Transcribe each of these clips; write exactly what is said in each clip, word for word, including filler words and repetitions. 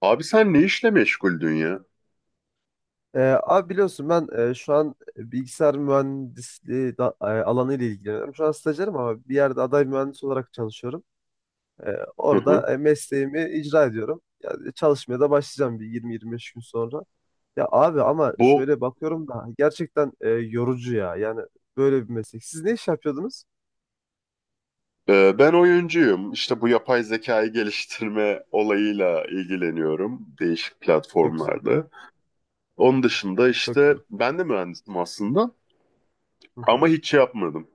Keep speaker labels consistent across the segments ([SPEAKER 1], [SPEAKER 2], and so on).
[SPEAKER 1] Abi sen ne işle meşguldün ya?
[SPEAKER 2] Ee, abi biliyorsun ben, e, şu an, e, bilgisayar mühendisliği da, e, alanı ile ilgileniyorum. Şu an stajyerim ama bir yerde aday mühendis olarak çalışıyorum. Ee,
[SPEAKER 1] Hı hı.
[SPEAKER 2] orada e, mesleğimi icra ediyorum. Yani çalışmaya da başlayacağım bir yirmi yirmi beş gün sonra. Ya abi ama
[SPEAKER 1] Bu
[SPEAKER 2] şöyle bakıyorum da gerçekten e, yorucu ya. Yani böyle bir meslek. Siz ne iş yapıyordunuz?
[SPEAKER 1] e, Ben oyuncuyum. İşte bu yapay zekayı geliştirme olayıyla ilgileniyorum değişik
[SPEAKER 2] Çok güzel.
[SPEAKER 1] platformlarda. Onun dışında
[SPEAKER 2] Çok
[SPEAKER 1] işte
[SPEAKER 2] güzel.
[SPEAKER 1] ben de mühendisim aslında
[SPEAKER 2] Hı
[SPEAKER 1] ama
[SPEAKER 2] hı.
[SPEAKER 1] hiç şey yapmadım.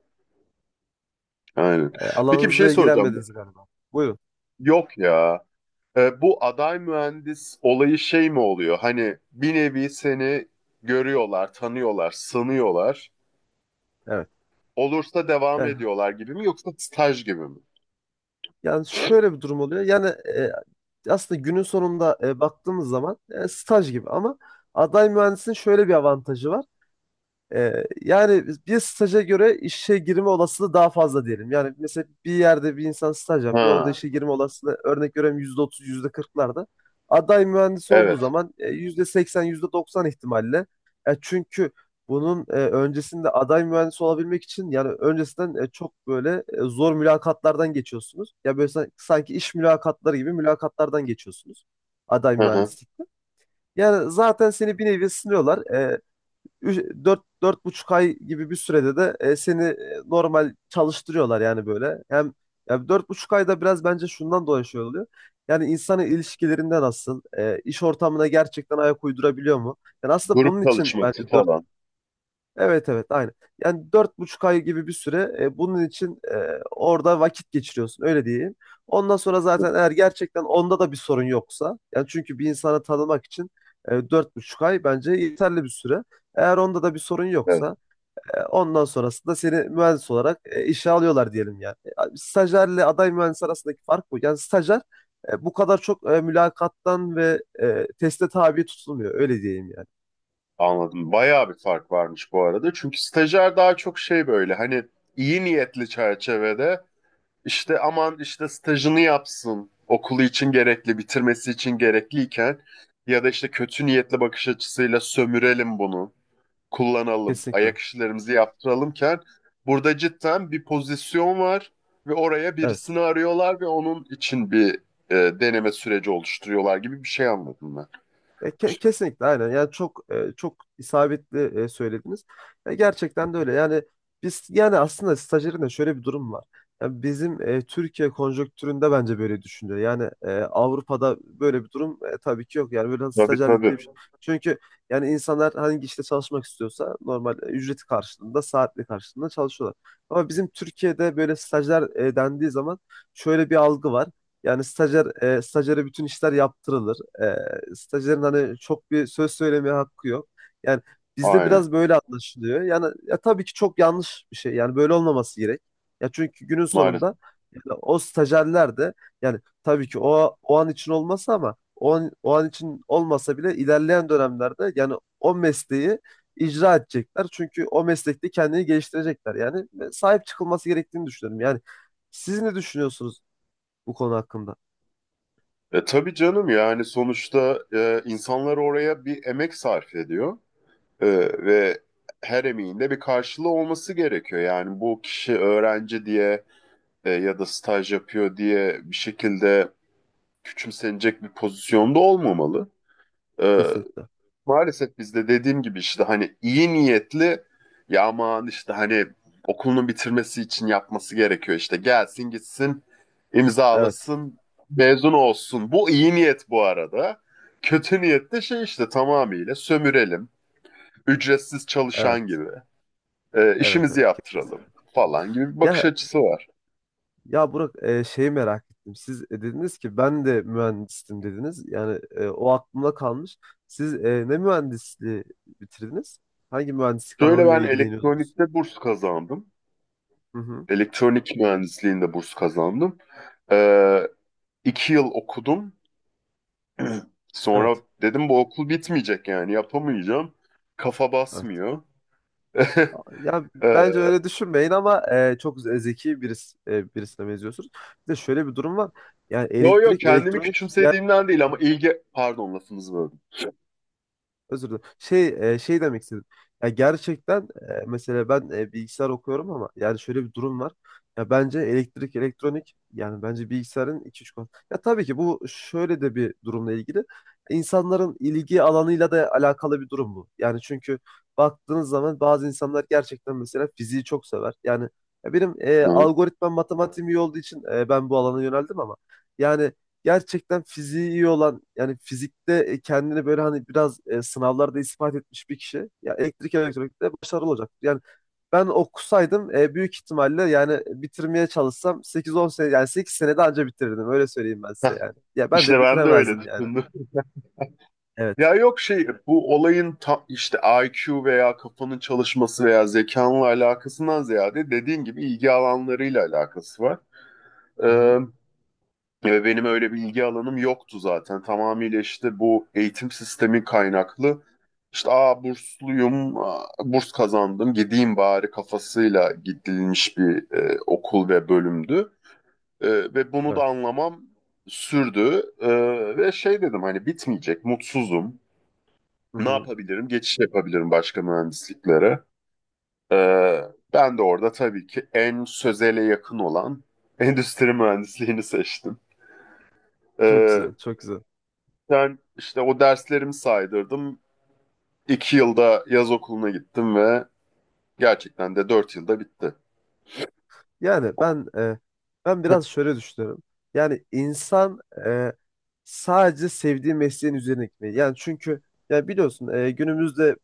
[SPEAKER 1] Aynen.
[SPEAKER 2] E,
[SPEAKER 1] Peki bir şey
[SPEAKER 2] alanınızla
[SPEAKER 1] soracağım.
[SPEAKER 2] ilgilenmediniz galiba. Buyurun.
[SPEAKER 1] Yok ya. E, bu aday mühendis olayı şey mi oluyor? Hani bir nevi seni görüyorlar, tanıyorlar, sanıyorlar.
[SPEAKER 2] Evet.
[SPEAKER 1] Olursa devam
[SPEAKER 2] Yani
[SPEAKER 1] ediyorlar gibi mi yoksa staj gibi mi?
[SPEAKER 2] Yani şöyle bir durum oluyor. Yani, e, aslında günün sonunda, e, baktığımız zaman, e, staj gibi ama aday mühendisin şöyle bir avantajı var. Ee, yani bir staja göre işe girme olasılığı daha fazla diyelim. Yani mesela bir yerde bir insan staj yapıyor. Orada
[SPEAKER 1] Ha,
[SPEAKER 2] işe girme olasılığı, örnek veriyorum, yüzde otuz, yüzde kırklarda. Aday mühendis olduğu
[SPEAKER 1] evet.
[SPEAKER 2] zaman e, yüzde seksen, yüzde doksan ihtimalle. E, çünkü bunun e, öncesinde aday mühendis olabilmek için, yani öncesinden, e, çok böyle e, zor mülakatlardan geçiyorsunuz. Ya böyle san- sanki iş mülakatları gibi mülakatlardan geçiyorsunuz aday
[SPEAKER 1] Hı hı.
[SPEAKER 2] mühendislikte. Yani zaten seni bir nevi sınıyorlar. E, Ü- Dört, dört buçuk ay gibi bir sürede de e, seni e, normal çalıştırıyorlar yani böyle. Hem ya dört buçuk ayda biraz bence şundan dolayı şey oluyor. Yani insanın ilişkilerinde nasıl, e, iş ortamına gerçekten ayak uydurabiliyor mu? Yani aslında
[SPEAKER 1] Grup
[SPEAKER 2] bunun için
[SPEAKER 1] çalışması
[SPEAKER 2] bence.
[SPEAKER 1] falan.
[SPEAKER 2] Evet, evet, aynen. Yani dört buçuk ay gibi bir süre e, bunun için e, orada vakit geçiriyorsun, öyle diyeyim. Ondan sonra zaten, eğer gerçekten onda da bir sorun yoksa, yani çünkü bir insanı tanımak için e, dört buçuk ay bence yeterli bir süre. Eğer onda da bir sorun
[SPEAKER 1] Evet,
[SPEAKER 2] yoksa, e, ondan sonrasında seni mühendis olarak e, işe alıyorlar diyelim yani. E, Stajyerle aday mühendis arasındaki fark bu. Yani stajyer e, bu kadar çok e, mülakattan ve e, teste tabi tutulmuyor, öyle diyeyim yani.
[SPEAKER 1] anladım. Bayağı bir fark varmış bu arada. Çünkü stajyer daha çok şey böyle hani iyi niyetli çerçevede işte aman işte stajını yapsın. Okulu için gerekli, bitirmesi için gerekliyken ya da işte kötü niyetli bakış açısıyla sömürelim bunu, kullanalım,
[SPEAKER 2] Kesinlikle.
[SPEAKER 1] ayak işlerimizi yaptıralımken burada cidden bir pozisyon var ve oraya
[SPEAKER 2] Evet.
[SPEAKER 1] birisini arıyorlar ve onun için bir e, deneme süreci oluşturuyorlar gibi bir şey anladım ben.
[SPEAKER 2] E, ke- kesinlikle aynen. Yani çok, e, çok isabetli e, söylediniz. E, gerçekten de öyle. Yani biz, yani aslında stajyerin de şöyle bir durum var. Yani bizim, e, Türkiye konjonktüründe bence böyle düşünüyor. Yani e, Avrupa'da böyle bir durum e, tabii ki yok. Yani böyle
[SPEAKER 1] Tabii
[SPEAKER 2] stajyerlik
[SPEAKER 1] tabii.
[SPEAKER 2] diye bir şey. Çünkü yani insanlar hangi işte çalışmak istiyorsa normal e, ücreti karşılığında, saatli karşılığında çalışıyorlar. Ama bizim Türkiye'de böyle stajyer e, dendiği zaman şöyle bir algı var. Yani stajyer, e, stajyere bütün işler yaptırılır. E, stajyerin hani çok bir söz söylemeye hakkı yok. Yani bizde
[SPEAKER 1] Aynen.
[SPEAKER 2] biraz böyle anlaşılıyor. Yani ya tabii ki çok yanlış bir şey. Yani böyle olmaması gerek. Ya çünkü günün
[SPEAKER 1] Maalesef.
[SPEAKER 2] sonunda yani o stajyerler de, yani tabii ki o o an için olmasa, ama o an, o an için olmasa bile ilerleyen dönemlerde yani o mesleği icra edecekler. Çünkü o meslekte kendini geliştirecekler. Yani e, sahip çıkılması gerektiğini düşünüyorum. Yani siz ne düşünüyorsunuz bu konu hakkında?
[SPEAKER 1] E, tabii canım yani sonuçta e, insanlar oraya bir emek sarf ediyor. E, ve her emeğin de bir karşılığı olması gerekiyor. Yani bu kişi öğrenci diye e, ya da staj yapıyor diye bir şekilde küçümsenecek bir pozisyonda olmamalı. E,
[SPEAKER 2] Kesinlikle.
[SPEAKER 1] Maalesef bizde dediğim gibi işte hani iyi niyetli ya aman işte hani okulunu bitirmesi için yapması gerekiyor işte gelsin gitsin
[SPEAKER 2] Evet,
[SPEAKER 1] imzalasın mezun olsun. Bu iyi niyet bu arada. Kötü niyet de şey işte tamamıyla sömürelim, ücretsiz çalışan
[SPEAKER 2] evet,
[SPEAKER 1] gibi e,
[SPEAKER 2] evet,
[SPEAKER 1] işimizi
[SPEAKER 2] evet.
[SPEAKER 1] yaptıralım
[SPEAKER 2] Kesinlikle. Katılıyorum.
[SPEAKER 1] falan gibi bir bakış
[SPEAKER 2] Ya,
[SPEAKER 1] açısı var.
[SPEAKER 2] ya Burak, e, şeyi merak ettim. Siz e, dediniz ki ben de mühendistim dediniz. Yani e, o aklımda kalmış. Siz e, ne mühendisliği bitirdiniz? Hangi mühendislik
[SPEAKER 1] Şöyle
[SPEAKER 2] alanıyla
[SPEAKER 1] ben
[SPEAKER 2] ilgileniyordunuz?
[SPEAKER 1] elektronikte burs kazandım.
[SPEAKER 2] Hı hı.
[SPEAKER 1] Elektronik mühendisliğinde burs kazandım. E, iki yıl okudum. Sonra
[SPEAKER 2] Evet,
[SPEAKER 1] dedim bu okul bitmeyecek yani yapamayacağım. Kafa
[SPEAKER 2] evet.
[SPEAKER 1] basmıyor.
[SPEAKER 2] A- Ya
[SPEAKER 1] Ee,
[SPEAKER 2] bence öyle düşünmeyin ama e, çok ze- zeki birisi, e, birisine benziyorsunuz. Bir de şöyle bir durum var. Yani
[SPEAKER 1] Yo yo
[SPEAKER 2] elektrik,
[SPEAKER 1] kendimi
[SPEAKER 2] elektronik yani.
[SPEAKER 1] küçümsediğimden değil ama ilgi... Pardon lafınızı böldüm.
[SPEAKER 2] Özür dilerim. Şey e, şey demek istedim. Ya gerçekten, e, mesela ben, e, bilgisayar okuyorum ama yani şöyle bir durum var. Ya bence elektrik, elektronik, yani bence bilgisayarın iki üç konu. Ya tabii ki bu şöyle de bir durumla ilgili. İnsanların ilgi alanıyla da alakalı bir durum bu. Yani çünkü baktığınız zaman bazı insanlar gerçekten mesela fiziği çok sever. Yani ya benim, e,
[SPEAKER 1] Hı.
[SPEAKER 2] algoritma matematiğim iyi olduğu için e, ben bu alana yöneldim ama yani gerçekten fiziği iyi olan, yani fizikte e, kendini böyle hani biraz e, sınavlarda ispat etmiş bir kişi ya elektrik elektronikte başarılı olacak. Yani ben okusaydım e, büyük ihtimalle, yani bitirmeye çalışsam sekiz on sene, yani sekiz senede anca bitirirdim, öyle söyleyeyim ben
[SPEAKER 1] Heh,
[SPEAKER 2] size yani. Ya ben
[SPEAKER 1] İşte
[SPEAKER 2] de
[SPEAKER 1] ben de öyle
[SPEAKER 2] bitiremezdim yani.
[SPEAKER 1] düşündüm.
[SPEAKER 2] Evet.
[SPEAKER 1] Ya yok şey bu olayın ta, işte I Q veya kafanın çalışması veya zekanla alakasından ziyade dediğin gibi ilgi alanlarıyla alakası var.
[SPEAKER 2] Hı-hı.
[SPEAKER 1] Ee, Ve benim öyle bilgi alanım yoktu zaten. Tamamıyla işte bu eğitim sistemi kaynaklı. İşte aa bursluyum, aa, burs kazandım, gideyim bari kafasıyla gidilmiş bir e, okul ve bölümdü. E, ve bunu da
[SPEAKER 2] Evet.
[SPEAKER 1] anlamam sürdü. E, ve şey dedim hani bitmeyecek, mutsuzum. Ne
[SPEAKER 2] Hı-hı.
[SPEAKER 1] yapabilirim? Geçiş yapabilirim başka mühendisliklere. E, Ben de orada tabii ki en sözele yakın olan endüstri mühendisliğini seçtim.
[SPEAKER 2] Çok
[SPEAKER 1] Ee,
[SPEAKER 2] güzel, çok güzel.
[SPEAKER 1] Ben işte o derslerimi saydırdım. İki yılda yaz okuluna gittim ve gerçekten de dört yılda bitti.
[SPEAKER 2] Yani ben e, ben biraz şöyle düşünüyorum. Yani insan e, sadece sevdiği mesleğin üzerine gitmeli. Yani çünkü ya biliyorsun, e, günümüzde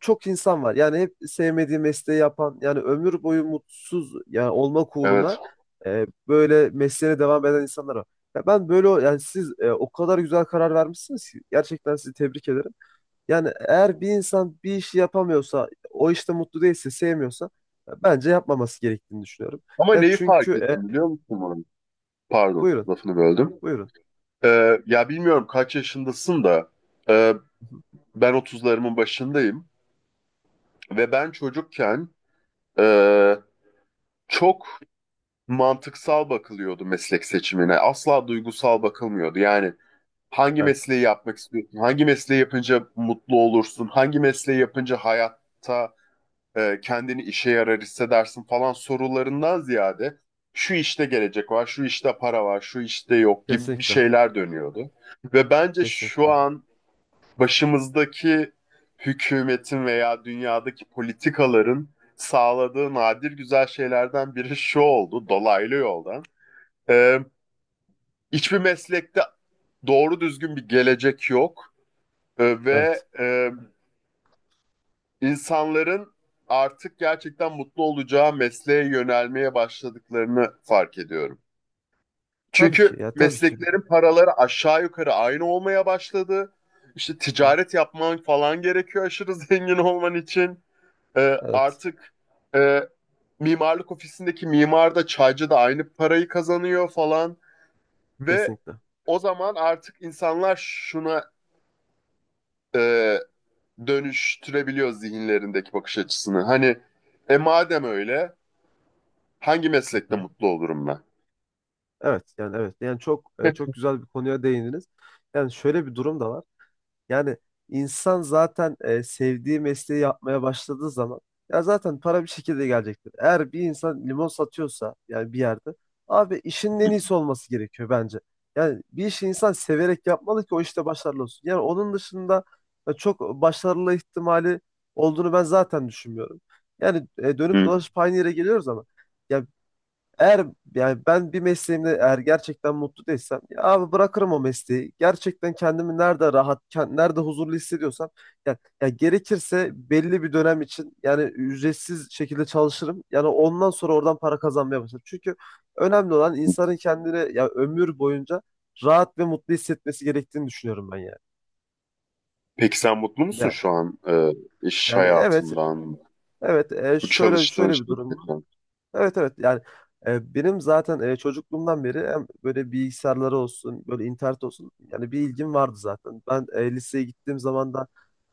[SPEAKER 2] çok insan var. Yani hep sevmediği mesleği yapan, yani ömür boyu mutsuz yani olmak
[SPEAKER 1] Evet.
[SPEAKER 2] uğruna e, böyle mesleğine devam eden insanlar var. Ya ben böyle o- yani siz, e, o kadar güzel karar vermişsiniz ki gerçekten sizi tebrik ederim. Yani eğer bir insan bir işi yapamıyorsa, o işte mutlu değilse, sevmiyorsa, ya bence yapmaması gerektiğini düşünüyorum.
[SPEAKER 1] Ama
[SPEAKER 2] Ya
[SPEAKER 1] neyi
[SPEAKER 2] çünkü,
[SPEAKER 1] fark ettim
[SPEAKER 2] e,
[SPEAKER 1] biliyor musun bunu? Pardon,
[SPEAKER 2] buyurun,
[SPEAKER 1] lafını böldüm.
[SPEAKER 2] buyurun.
[SPEAKER 1] Ee, ya bilmiyorum kaç yaşındasın da e,
[SPEAKER 2] Hı hı.
[SPEAKER 1] ben otuzlarımın başındayım ve ben çocukken e, çok mantıksal bakılıyordu meslek seçimine. Asla duygusal bakılmıyordu. Yani hangi
[SPEAKER 2] Evet,
[SPEAKER 1] mesleği yapmak istiyorsun? Hangi mesleği yapınca mutlu olursun? Hangi mesleği yapınca hayatta e, kendini işe yarar hissedersin falan sorularından ziyade şu işte gelecek var, şu işte para var, şu işte yok gibi bir
[SPEAKER 2] kesinlikle,
[SPEAKER 1] şeyler dönüyordu. Ve bence şu
[SPEAKER 2] kesinlikle.
[SPEAKER 1] an başımızdaki hükümetin veya dünyadaki politikaların sağladığı nadir güzel şeylerden biri şu oldu dolaylı yoldan. E, Hiçbir meslekte doğru düzgün bir gelecek yok. E, Ve
[SPEAKER 2] Evet,
[SPEAKER 1] e, insanların artık gerçekten mutlu olacağı mesleğe yönelmeye başladıklarını fark ediyorum.
[SPEAKER 2] tabii ki,
[SPEAKER 1] Çünkü
[SPEAKER 2] ya tabii ki.
[SPEAKER 1] mesleklerin paraları aşağı yukarı aynı olmaya başladı. İşte
[SPEAKER 2] Hı.
[SPEAKER 1] ticaret yapman falan gerekiyor aşırı zengin olman için. Ee,
[SPEAKER 2] Evet,
[SPEAKER 1] artık e, mimarlık ofisindeki mimar da çaycı da aynı parayı kazanıyor falan. Ve
[SPEAKER 2] kesinlikle.
[SPEAKER 1] o zaman artık insanlar şuna e, dönüştürebiliyor zihinlerindeki bakış açısını. Hani e madem öyle hangi
[SPEAKER 2] Hı
[SPEAKER 1] meslekte
[SPEAKER 2] hı.
[SPEAKER 1] mutlu olurum ben?
[SPEAKER 2] Evet yani, evet yani çok, e, çok güzel bir konuya değindiniz. Yani şöyle bir durum da var. Yani insan zaten, e, sevdiği mesleği yapmaya başladığı zaman ya zaten para bir şekilde gelecektir. Eğer bir insan limon satıyorsa, yani bir yerde, abi işin en iyisi olması gerekiyor bence. Yani bir işi insan severek yapmalı ki o işte başarılı olsun. Yani onun dışında e, çok başarılı ihtimali olduğunu ben zaten düşünmüyorum. Yani e, dönüp
[SPEAKER 1] Hı.
[SPEAKER 2] dolaşıp aynı yere geliyoruz ama ya eğer, yani ben bir mesleğimde eğer gerçekten mutlu değilsem, ya abi bırakırım o mesleği. Gerçekten kendimi nerede rahat, kend- nerede huzurlu hissediyorsam, ya, ya gerekirse belli bir dönem için yani ücretsiz şekilde çalışırım. Yani ondan sonra oradan para kazanmaya başlarım. Çünkü önemli olan
[SPEAKER 1] hı.
[SPEAKER 2] insanın kendini ya ömür boyunca rahat ve mutlu hissetmesi gerektiğini düşünüyorum ben yani.
[SPEAKER 1] Peki sen mutlu musun
[SPEAKER 2] Yani,
[SPEAKER 1] şu an, e, iş
[SPEAKER 2] yani evet,
[SPEAKER 1] hayatından,
[SPEAKER 2] evet, e,
[SPEAKER 1] bu
[SPEAKER 2] şöyle
[SPEAKER 1] çalıştığın
[SPEAKER 2] şöyle bir durum.
[SPEAKER 1] şirketten?
[SPEAKER 2] Evet evet yani, e, benim zaten, e, çocukluğumdan beri hem böyle bilgisayarları olsun, böyle internet olsun, yani bir ilgim vardı zaten. Ben, e, liseye gittiğim zaman da,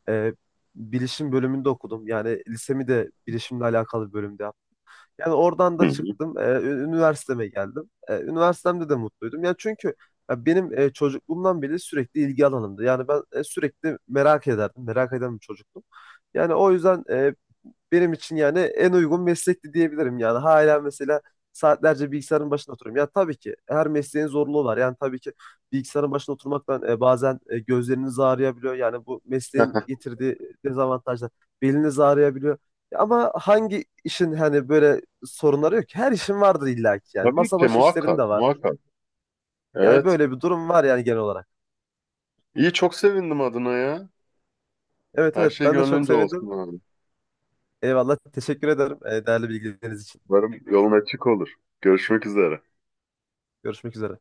[SPEAKER 2] e, bilişim bölümünde okudum. Yani lisemi de bilişimle alakalı bir bölümde yaptım. Yani oradan da
[SPEAKER 1] Hı.
[SPEAKER 2] çıktım, e, ü- üniversiteme geldim. E, üniversitemde de mutluydum. Yani çünkü ya benim, e, çocukluğumdan beri sürekli ilgi alanımdı. Yani ben, e, sürekli merak ederdim. Merak eden bir çocuktum. Yani o yüzden e, benim için yani en uygun meslekti diyebilirim yani. Hala mesela saatlerce bilgisayarın başında oturuyorum. Ya tabii ki her mesleğin zorluğu var. Yani tabii ki bilgisayarın başında oturmaktan e, bazen e, gözleriniz ağrıyabiliyor. Yani bu
[SPEAKER 1] hı.
[SPEAKER 2] mesleğin getirdiği dezavantajlar. Beliniz ağrıyabiliyor. Ya ama hangi işin hani böyle sorunları yok ki? Her işin vardır illa ki yani.
[SPEAKER 1] Tabii
[SPEAKER 2] Masa
[SPEAKER 1] ki
[SPEAKER 2] başı işlerin
[SPEAKER 1] muhakkak,
[SPEAKER 2] de var.
[SPEAKER 1] muhakkak.
[SPEAKER 2] Yani
[SPEAKER 1] Evet.
[SPEAKER 2] böyle bir durum var yani genel olarak.
[SPEAKER 1] İyi, çok sevindim adına ya.
[SPEAKER 2] Evet
[SPEAKER 1] Her
[SPEAKER 2] evet,
[SPEAKER 1] şey
[SPEAKER 2] ben de çok
[SPEAKER 1] gönlünce
[SPEAKER 2] sevindim.
[SPEAKER 1] olsun abi.
[SPEAKER 2] Eyvallah, teşekkür ederim e, değerli bilgileriniz için.
[SPEAKER 1] Umarım yolun açık olur. Görüşmek üzere.
[SPEAKER 2] Görüşmek üzere.